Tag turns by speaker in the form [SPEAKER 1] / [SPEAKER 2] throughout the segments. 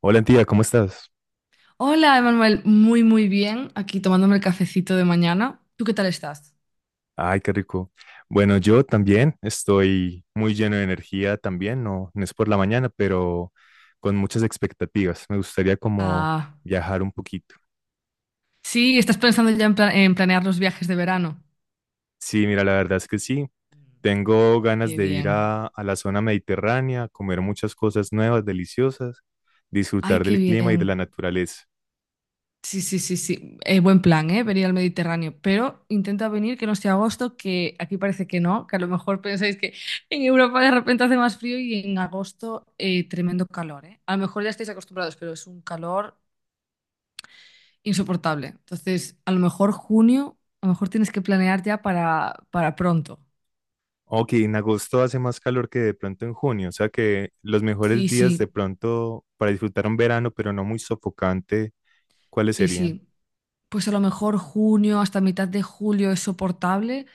[SPEAKER 1] Hola, tía, ¿cómo estás?
[SPEAKER 2] Hola, Emanuel. Muy, muy bien. Aquí tomándome el cafecito de mañana. ¿Tú qué tal estás?
[SPEAKER 1] Ay, qué rico. Bueno, yo también estoy muy lleno de energía también, no es por la mañana, pero con muchas expectativas. Me gustaría como
[SPEAKER 2] Ah,
[SPEAKER 1] viajar un poquito.
[SPEAKER 2] sí, estás pensando ya en, en planear los viajes de verano.
[SPEAKER 1] Sí, mira, la verdad es que sí. Tengo ganas
[SPEAKER 2] Qué
[SPEAKER 1] de ir
[SPEAKER 2] bien.
[SPEAKER 1] a la zona mediterránea, comer muchas cosas nuevas, deliciosas,
[SPEAKER 2] Ay,
[SPEAKER 1] disfrutar
[SPEAKER 2] qué
[SPEAKER 1] del clima y de
[SPEAKER 2] bien.
[SPEAKER 1] la naturaleza.
[SPEAKER 2] Sí, sí, sí, sí. Buen plan, ¿eh? Venir al Mediterráneo. Pero intenta venir que no sea agosto, que aquí parece que no, que a lo mejor pensáis que en Europa de repente hace más frío y en agosto tremendo calor, ¿eh? A lo mejor ya estáis acostumbrados, pero es un calor insoportable. Entonces, a lo mejor junio, a lo mejor tienes que planear ya para pronto.
[SPEAKER 1] Ok, en agosto hace más calor que de pronto en junio, o sea que los mejores
[SPEAKER 2] Sí,
[SPEAKER 1] días de
[SPEAKER 2] sí,
[SPEAKER 1] pronto para disfrutar un verano, pero no muy sofocante. ¿Cuáles
[SPEAKER 2] sí,
[SPEAKER 1] serían?
[SPEAKER 2] sí. Pues a lo mejor junio hasta mitad de julio es soportable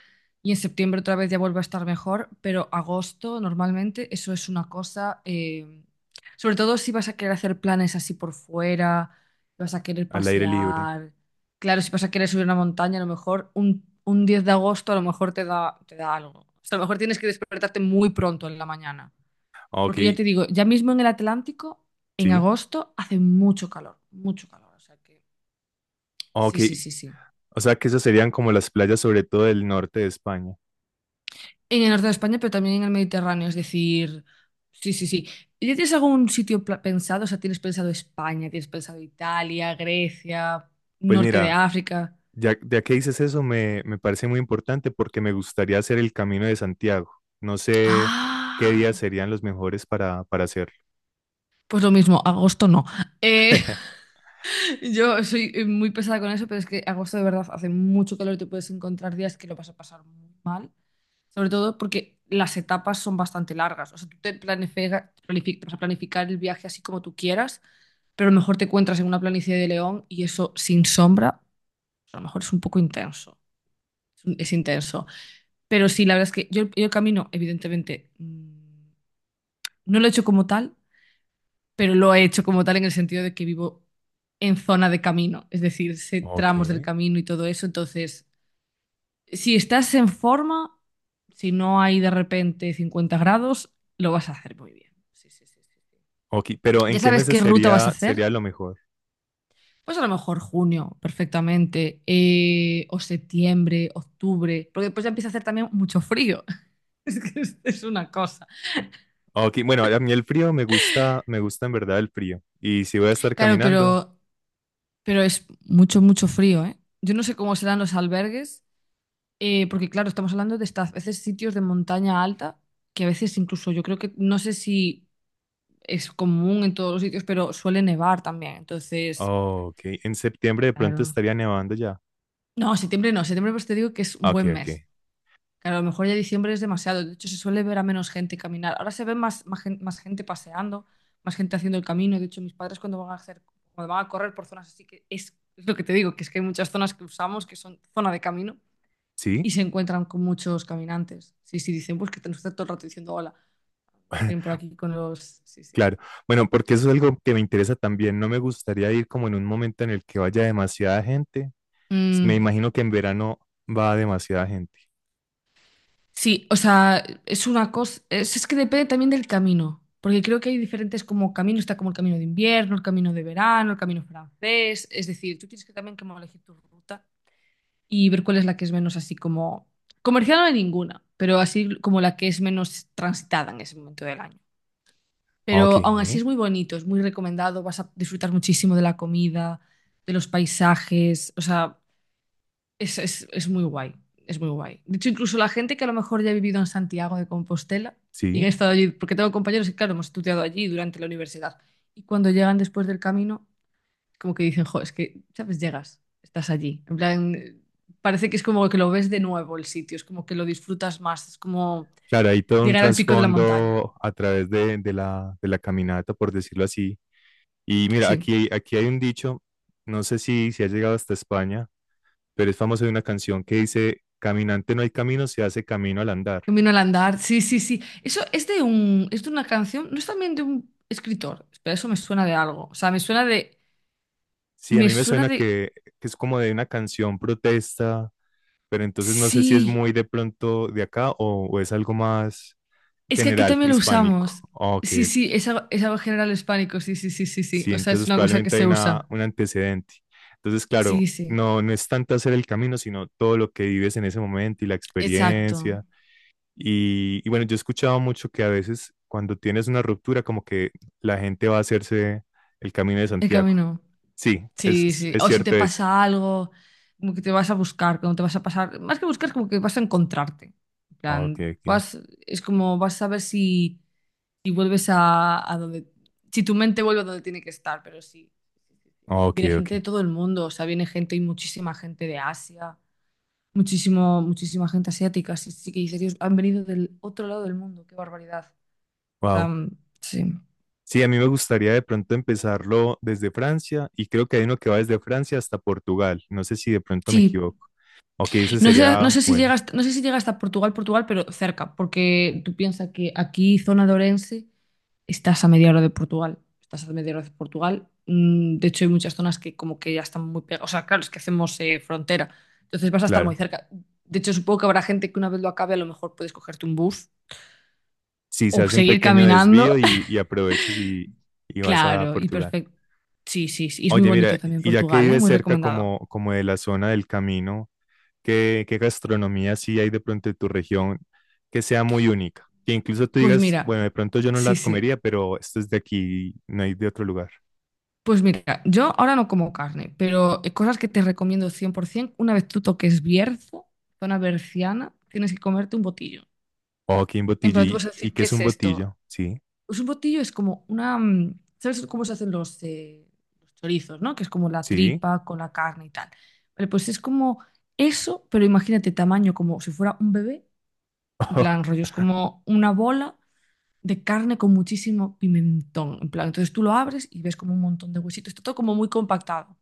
[SPEAKER 2] y en septiembre otra vez ya vuelve a estar mejor, pero agosto normalmente eso es una cosa. Sobre todo si vas a querer hacer planes así por fuera, vas a querer
[SPEAKER 1] Al aire libre.
[SPEAKER 2] pasear, claro, si vas a querer subir una montaña, a lo mejor un 10 de agosto a lo mejor te da algo. O sea, a lo mejor tienes que despertarte muy pronto en la mañana,
[SPEAKER 1] Ah, ok,
[SPEAKER 2] porque ya te digo, ya mismo en el Atlántico, en
[SPEAKER 1] sí.
[SPEAKER 2] agosto hace mucho calor, o sea que
[SPEAKER 1] Ah,
[SPEAKER 2] sí,
[SPEAKER 1] ok.
[SPEAKER 2] sí, sí, sí.
[SPEAKER 1] O sea que esas serían como las playas, sobre todo del norte de España.
[SPEAKER 2] En el norte de España, pero también en el Mediterráneo, es decir, sí, sí, sí. ¿Ya tienes algún sitio pensado? O sea, ¿tienes pensado España? ¿Tienes pensado Italia, Grecia,
[SPEAKER 1] Pues
[SPEAKER 2] norte de
[SPEAKER 1] mira,
[SPEAKER 2] África?
[SPEAKER 1] ya que dices eso, me parece muy importante porque me gustaría hacer el Camino de Santiago. No sé qué días
[SPEAKER 2] Ah,
[SPEAKER 1] serían los mejores para hacerlo.
[SPEAKER 2] pues lo mismo, agosto no. Eh, Yo soy muy pesada con eso, pero es que agosto de verdad hace mucho calor y te puedes encontrar días que lo vas a pasar muy mal. Sobre todo porque las etapas son bastante largas. O sea, tú te te vas a planificar el viaje así como tú quieras, pero a lo mejor te encuentras en una planicie de León y eso sin sombra, pues a lo mejor es un poco intenso. Es intenso. Pero sí, la verdad es que yo el camino, evidentemente, no lo he hecho como tal, pero lo he hecho como tal en el sentido de que vivo en zona de camino, es decir, sé
[SPEAKER 1] Ok.
[SPEAKER 2] tramos del camino y todo eso. Entonces, si estás en forma, si no hay de repente 50 grados, lo vas a hacer muy bien. Sí, sí, sí, sí, sí.
[SPEAKER 1] Ok, pero ¿en
[SPEAKER 2] ¿Ya
[SPEAKER 1] qué
[SPEAKER 2] sabes
[SPEAKER 1] meses
[SPEAKER 2] qué ruta vas a
[SPEAKER 1] sería,
[SPEAKER 2] hacer?
[SPEAKER 1] sería lo mejor?
[SPEAKER 2] Pues a lo mejor junio, perfectamente, o septiembre, octubre, porque después ya empieza a hacer también mucho frío. Es que es una cosa.
[SPEAKER 1] Ah, ok, bueno, a mí el frío me gusta en verdad el frío. Y si voy a estar
[SPEAKER 2] Claro,
[SPEAKER 1] caminando,
[SPEAKER 2] pero es mucho, mucho frío, ¿eh? Yo no sé cómo serán los albergues. Porque claro, estamos hablando de estas veces sitios de montaña alta, que a veces incluso yo creo que, no sé si es común en todos los sitios, pero suele nevar también.
[SPEAKER 1] ah,
[SPEAKER 2] Entonces,
[SPEAKER 1] ok, en septiembre de pronto
[SPEAKER 2] claro.
[SPEAKER 1] estaría nevando ya.
[SPEAKER 2] No, septiembre no, septiembre pues te digo que es un
[SPEAKER 1] Ah, ok,
[SPEAKER 2] buen
[SPEAKER 1] ok.
[SPEAKER 2] mes. Claro, a lo mejor ya diciembre es demasiado. De hecho, se suele ver a menos gente caminar. Ahora se ve más más gente paseando, más gente haciendo el camino. De hecho, mis padres cuando van a hacer, cuando van a correr por zonas así que es lo que te digo, que es que hay muchas zonas que usamos que son zona de camino. Y
[SPEAKER 1] ¿Sí?
[SPEAKER 2] se encuentran con muchos caminantes. Sí, sí, dicen, pues que nos está todo el rato diciendo hola, ven por aquí con los. Sí, sí.
[SPEAKER 1] Claro, bueno, porque eso es algo que me interesa también. No me gustaría ir como en un momento en el que vaya demasiada gente. Me
[SPEAKER 2] Mm,
[SPEAKER 1] imagino que en verano va demasiada gente.
[SPEAKER 2] sí, o sea, es una cosa, es que depende también del camino, porque creo que hay diferentes como caminos, está como el camino de invierno, el camino de verano, el camino francés, es decir, tú tienes que también como elegir tu ruta y ver cuál es la que es menos así como. Comercial no hay ninguna, pero así como la que es menos transitada en ese momento del año.
[SPEAKER 1] Ah, ok,
[SPEAKER 2] Pero aún así
[SPEAKER 1] ¿eh?
[SPEAKER 2] es muy bonito, es muy recomendado, vas a disfrutar muchísimo de la comida, de los paisajes, o sea, es muy guay, es muy guay. De hecho, incluso la gente que a lo mejor ya ha vivido en Santiago de Compostela y ha
[SPEAKER 1] Sí.
[SPEAKER 2] estado allí, porque tengo compañeros que, claro, hemos estudiado allí durante la universidad, y cuando llegan después del camino, como que dicen, jo, es que, ¿sabes? Llegas, estás allí. En plan, parece que es como que lo ves de nuevo el sitio, es como que lo disfrutas más, es como
[SPEAKER 1] Claro, hay todo un
[SPEAKER 2] llegar al pico de la montaña.
[SPEAKER 1] trasfondo a través de la caminata, por decirlo así. Y mira,
[SPEAKER 2] Sí.
[SPEAKER 1] aquí hay un dicho, no sé si ha llegado hasta España, pero es famoso de una canción que dice, caminante no hay camino, se hace camino al andar.
[SPEAKER 2] Camino al andar, sí, sí, sí. Eso es de una canción, no es también de un escritor. Espera, eso me suena de algo. O sea,
[SPEAKER 1] Sí, a
[SPEAKER 2] me
[SPEAKER 1] mí me
[SPEAKER 2] suena
[SPEAKER 1] suena
[SPEAKER 2] de,
[SPEAKER 1] que es como de una canción protesta, pero entonces no sé si es
[SPEAKER 2] sí.
[SPEAKER 1] muy de pronto de acá o es algo más
[SPEAKER 2] Es que aquí
[SPEAKER 1] general,
[SPEAKER 2] también lo
[SPEAKER 1] hispánico.
[SPEAKER 2] usamos.
[SPEAKER 1] Ah, ok,
[SPEAKER 2] Sí,
[SPEAKER 1] ok.
[SPEAKER 2] sí, es algo general hispánico. Sí, sí, sí, sí, sí.
[SPEAKER 1] Sí,
[SPEAKER 2] O sea, es
[SPEAKER 1] entonces
[SPEAKER 2] una cosa que
[SPEAKER 1] probablemente hay
[SPEAKER 2] se
[SPEAKER 1] una,
[SPEAKER 2] usa.
[SPEAKER 1] un antecedente. Entonces,
[SPEAKER 2] Sí,
[SPEAKER 1] claro,
[SPEAKER 2] sí.
[SPEAKER 1] no, no es tanto hacer el camino, sino todo lo que vives en ese momento y la
[SPEAKER 2] Exacto.
[SPEAKER 1] experiencia. Y bueno, yo he escuchado mucho que a veces cuando tienes una ruptura, como que la gente va a hacerse el Camino de
[SPEAKER 2] El
[SPEAKER 1] Santiago.
[SPEAKER 2] camino.
[SPEAKER 1] Sí, es,
[SPEAKER 2] Sí,
[SPEAKER 1] es
[SPEAKER 2] sí.
[SPEAKER 1] es
[SPEAKER 2] O si te
[SPEAKER 1] cierto eso.
[SPEAKER 2] pasa algo, como que te vas a buscar, como te vas a pasar, más que buscar, como que vas a encontrarte. En
[SPEAKER 1] Ok,
[SPEAKER 2] plan,
[SPEAKER 1] ok.
[SPEAKER 2] vas, es como vas a ver si y vuelves a donde, si tu mente vuelve a donde tiene que estar, pero sí.
[SPEAKER 1] Ok,
[SPEAKER 2] Viene
[SPEAKER 1] ok.
[SPEAKER 2] gente de todo el mundo, o sea, viene gente y muchísima gente de Asia, muchísima gente asiática, sí, sí que dices: "Dios, han venido del otro lado del mundo, qué barbaridad". O sea,
[SPEAKER 1] Wow.
[SPEAKER 2] sí.
[SPEAKER 1] Sí, a mí me gustaría de pronto empezarlo desde Francia y creo que hay uno que va desde Francia hasta Portugal. No sé si de pronto me
[SPEAKER 2] Sí.
[SPEAKER 1] equivoco. Ok, ese
[SPEAKER 2] No sé, no
[SPEAKER 1] sería,
[SPEAKER 2] sé si
[SPEAKER 1] bueno,
[SPEAKER 2] llega hasta, no sé si llega hasta Portugal, Portugal, pero cerca, porque tú piensas que aquí, zona de Orense, estás a media hora de Portugal. Estás a media hora de Portugal. De hecho, hay muchas zonas que como que ya están muy pegadas. O sea, claro, es que hacemos frontera. Entonces vas a estar muy
[SPEAKER 1] claro.
[SPEAKER 2] cerca. De hecho, supongo que habrá gente que una vez lo acabe, a lo mejor puedes cogerte un bus
[SPEAKER 1] Sí,
[SPEAKER 2] o
[SPEAKER 1] se hace un
[SPEAKER 2] seguir
[SPEAKER 1] pequeño
[SPEAKER 2] caminando.
[SPEAKER 1] desvío y aprovechas y vas a
[SPEAKER 2] Claro, y
[SPEAKER 1] Portugal.
[SPEAKER 2] perfecto. Sí, sí, sí. Y es muy
[SPEAKER 1] Oye,
[SPEAKER 2] bonito
[SPEAKER 1] mira,
[SPEAKER 2] también
[SPEAKER 1] y ya que
[SPEAKER 2] Portugal, ¿eh?
[SPEAKER 1] vives
[SPEAKER 2] Muy
[SPEAKER 1] cerca
[SPEAKER 2] recomendado.
[SPEAKER 1] como de la zona del camino, ¿qué, qué gastronomía sí hay de pronto en tu región que sea muy única? Que incluso tú
[SPEAKER 2] Pues
[SPEAKER 1] digas,
[SPEAKER 2] mira,
[SPEAKER 1] bueno, de pronto yo no
[SPEAKER 2] sí,
[SPEAKER 1] la
[SPEAKER 2] sí.
[SPEAKER 1] comería, pero esto es de aquí, no hay de otro lugar.
[SPEAKER 2] Pues mira, yo ahora no como carne, pero cosas que te recomiendo 100%, una vez tú toques Bierzo, zona berciana, tienes que comerte un botillo.
[SPEAKER 1] Oh, qué un
[SPEAKER 2] En
[SPEAKER 1] botillo.
[SPEAKER 2] plan, tú vas a
[SPEAKER 1] Y
[SPEAKER 2] decir,
[SPEAKER 1] qué
[SPEAKER 2] ¿qué
[SPEAKER 1] es
[SPEAKER 2] es
[SPEAKER 1] un
[SPEAKER 2] esto?
[SPEAKER 1] botillo? Sí.
[SPEAKER 2] Pues un botillo es como una. ¿Sabes cómo se hacen los chorizos, ¿no? Que es como la
[SPEAKER 1] Sí.
[SPEAKER 2] tripa con la carne y tal. Vale, pues es como eso, pero imagínate tamaño como si fuera un bebé. En plan, rollo, es como una bola de carne con muchísimo pimentón. En plan, entonces tú lo abres y ves como un montón de huesitos. Está todo como muy compactado.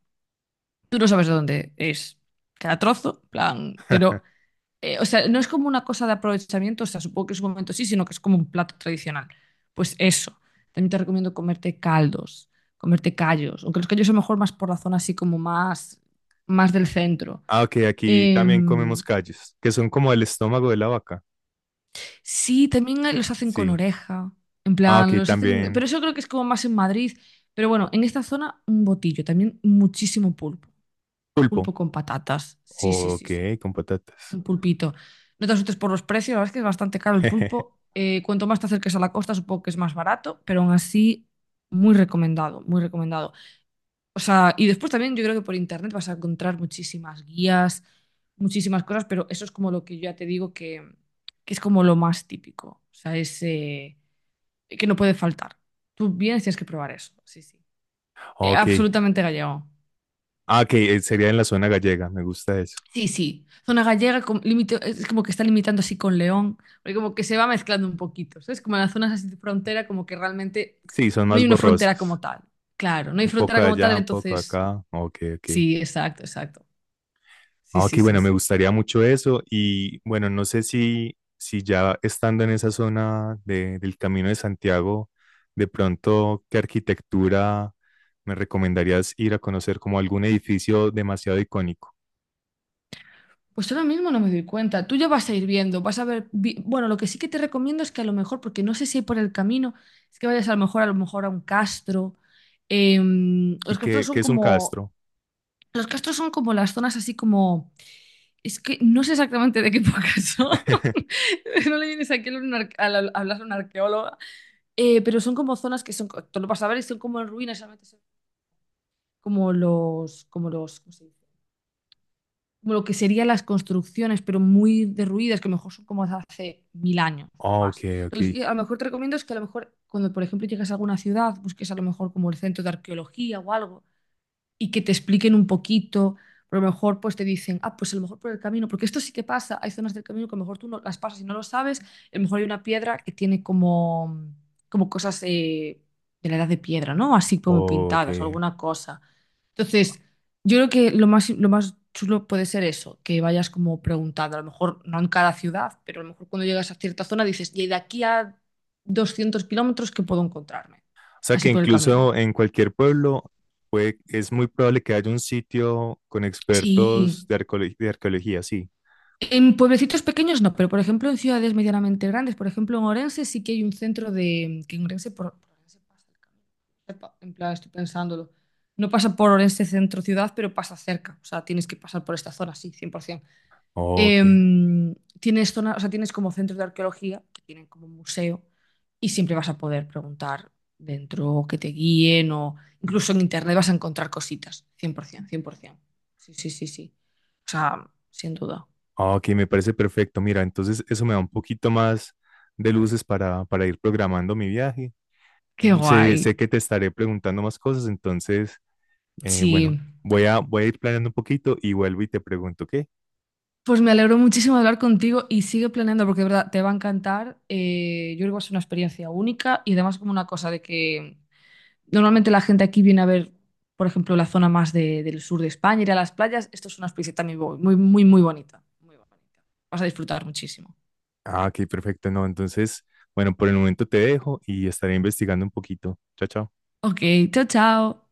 [SPEAKER 2] Tú no sabes de dónde es cada trozo, en plan, pero o sea, no es como una cosa de aprovechamiento, o sea, supongo que en su momento sí, sino que es como un plato tradicional. Pues eso. También te recomiendo comerte caldos, comerte callos, aunque los callos son mejor más por la zona así como más, más del centro.
[SPEAKER 1] Ah, ok, aquí también
[SPEAKER 2] Em,
[SPEAKER 1] comemos callos, que son como el estómago de la vaca.
[SPEAKER 2] sí, también hay- los hacen con
[SPEAKER 1] Sí.
[SPEAKER 2] oreja, en
[SPEAKER 1] Ah,
[SPEAKER 2] plan,
[SPEAKER 1] ok,
[SPEAKER 2] los hacen, pero
[SPEAKER 1] también
[SPEAKER 2] eso creo que es como más en Madrid. Pero bueno, en esta zona un botillo, también muchísimo pulpo, pulpo
[SPEAKER 1] pulpo.
[SPEAKER 2] con patatas. Sí, sí, sí,
[SPEAKER 1] Ok,
[SPEAKER 2] sí.
[SPEAKER 1] con patatas.
[SPEAKER 2] Un pulpito. No te asustes por los precios, la verdad es que es bastante caro el pulpo. Cuanto más te acerques a la costa, supongo que es más barato, pero aún así, muy recomendado, muy recomendado. O sea, y después también yo creo que por internet vas a encontrar muchísimas guías, muchísimas cosas, pero eso es como lo que yo ya te digo que es como lo más típico. O sea, es que no puede faltar. Tú vienes, tienes que probar eso. Sí, sí.
[SPEAKER 1] Ok.
[SPEAKER 2] Absolutamente gallego.
[SPEAKER 1] Ah, ok, sería en la zona gallega, me gusta eso.
[SPEAKER 2] Sí, sí. Zona gallega es como que está limitando así con León, porque como que se va mezclando un poquito, ¿sabes? Como en las zonas así de frontera, como que realmente
[SPEAKER 1] Sí, son
[SPEAKER 2] no hay
[SPEAKER 1] más
[SPEAKER 2] una frontera como
[SPEAKER 1] borrosas.
[SPEAKER 2] tal. Claro, no hay
[SPEAKER 1] Un poco
[SPEAKER 2] frontera
[SPEAKER 1] de
[SPEAKER 2] como tal,
[SPEAKER 1] allá, un poco de
[SPEAKER 2] entonces
[SPEAKER 1] acá. Ok, ok.
[SPEAKER 2] sí, exacto, exacto. Sí,
[SPEAKER 1] Ah, ok,
[SPEAKER 2] sí, sí,
[SPEAKER 1] bueno, me
[SPEAKER 2] sí.
[SPEAKER 1] gustaría mucho eso y bueno, no sé si, si ya estando en esa zona del Camino de Santiago, de pronto, ¿qué arquitectura me recomendarías ir a conocer como algún edificio demasiado icónico?
[SPEAKER 2] Pues ahora mismo no me doy cuenta. Tú ya vas a ir viendo, vas a ver. Bueno, lo que sí que te recomiendo es que a lo mejor, porque no sé si hay por el camino, es que vayas a lo mejor a lo mejor a un castro. Em,
[SPEAKER 1] ¿Y
[SPEAKER 2] los castros
[SPEAKER 1] qué,
[SPEAKER 2] son
[SPEAKER 1] qué es un
[SPEAKER 2] como,
[SPEAKER 1] castro?
[SPEAKER 2] los castros son como las zonas así como. Es que no sé exactamente de qué época son. No le vienes aquí a un ar- a la- hablar a una arqueóloga. Pero son como zonas que son, tú lo vas a ver y son como en ruinas, solamente son como ¿cómo se dice? Como lo que serían las construcciones, pero muy derruidas, que a lo mejor son como de hace 1000 años
[SPEAKER 1] Ah, ok,
[SPEAKER 2] más. Lo
[SPEAKER 1] ok,
[SPEAKER 2] que a lo mejor te recomiendo es que a lo mejor cuando, por ejemplo, llegas a alguna ciudad, busques a lo mejor como el centro de arqueología o algo y que te expliquen un poquito. Pero a lo mejor pues te dicen, ah, pues a lo mejor por el camino, porque esto sí que pasa, hay zonas del camino que a lo mejor tú no las pasas y no lo sabes, a lo mejor hay una piedra que tiene como, como cosas de la edad de piedra, ¿no? Así como
[SPEAKER 1] ok.
[SPEAKER 2] pintadas o alguna cosa. Entonces, yo creo que lo más chulo puede ser eso, que vayas como preguntando, a lo mejor no en cada ciudad, pero a lo mejor cuando llegas a cierta zona dices, y de aquí a 200 kilómetros, ¿qué puedo encontrarme?
[SPEAKER 1] O sea
[SPEAKER 2] Así
[SPEAKER 1] que
[SPEAKER 2] por el camino.
[SPEAKER 1] incluso en cualquier pueblo es muy probable que haya un sitio con
[SPEAKER 2] Sí.
[SPEAKER 1] expertos de de arqueología, sí.
[SPEAKER 2] En pueblecitos pequeños no, pero por ejemplo en ciudades medianamente grandes, por ejemplo en Orense sí que hay un centro de... que en Orense por Orense pasa el camino. Epa. En plan, estoy pensándolo. No pasa por Orense centro ciudad, pero pasa cerca. O sea, tienes que pasar por esta zona, sí, 100%.
[SPEAKER 1] Ok.
[SPEAKER 2] Tienes zona, o sea, tienes como centros de arqueología, que tienen como un museo, y siempre vas a poder preguntar dentro, o que te guíen, o incluso en internet vas a encontrar cositas, por ciento, cien por 100%. Sí, sí, sí, sí. O sea, sin duda.
[SPEAKER 1] Ah, ok, me parece perfecto. Mira, entonces eso me da un poquito más de luces para ir programando mi viaje.
[SPEAKER 2] Qué
[SPEAKER 1] Sé
[SPEAKER 2] guay.
[SPEAKER 1] que te estaré preguntando más cosas, entonces, bueno,
[SPEAKER 2] Sí.
[SPEAKER 1] voy a ir planeando un poquito y vuelvo y te pregunto, ¿qué?
[SPEAKER 2] Pues me alegro muchísimo de hablar contigo y sigue planeando porque de verdad te va a encantar. Yo creo que va a ser una experiencia única y además como una cosa de que normalmente la gente aquí viene a ver, por ejemplo, la zona más del sur de España, ir a las playas. Esto es una experiencia también muy, muy, muy, muy bonita. Muy bonita. Vas a disfrutar muchísimo.
[SPEAKER 1] Ah, ok, perfecto. No, entonces, bueno, por el momento te dejo y estaré investigando un poquito. Chao, chao.
[SPEAKER 2] Ok, chao, chao.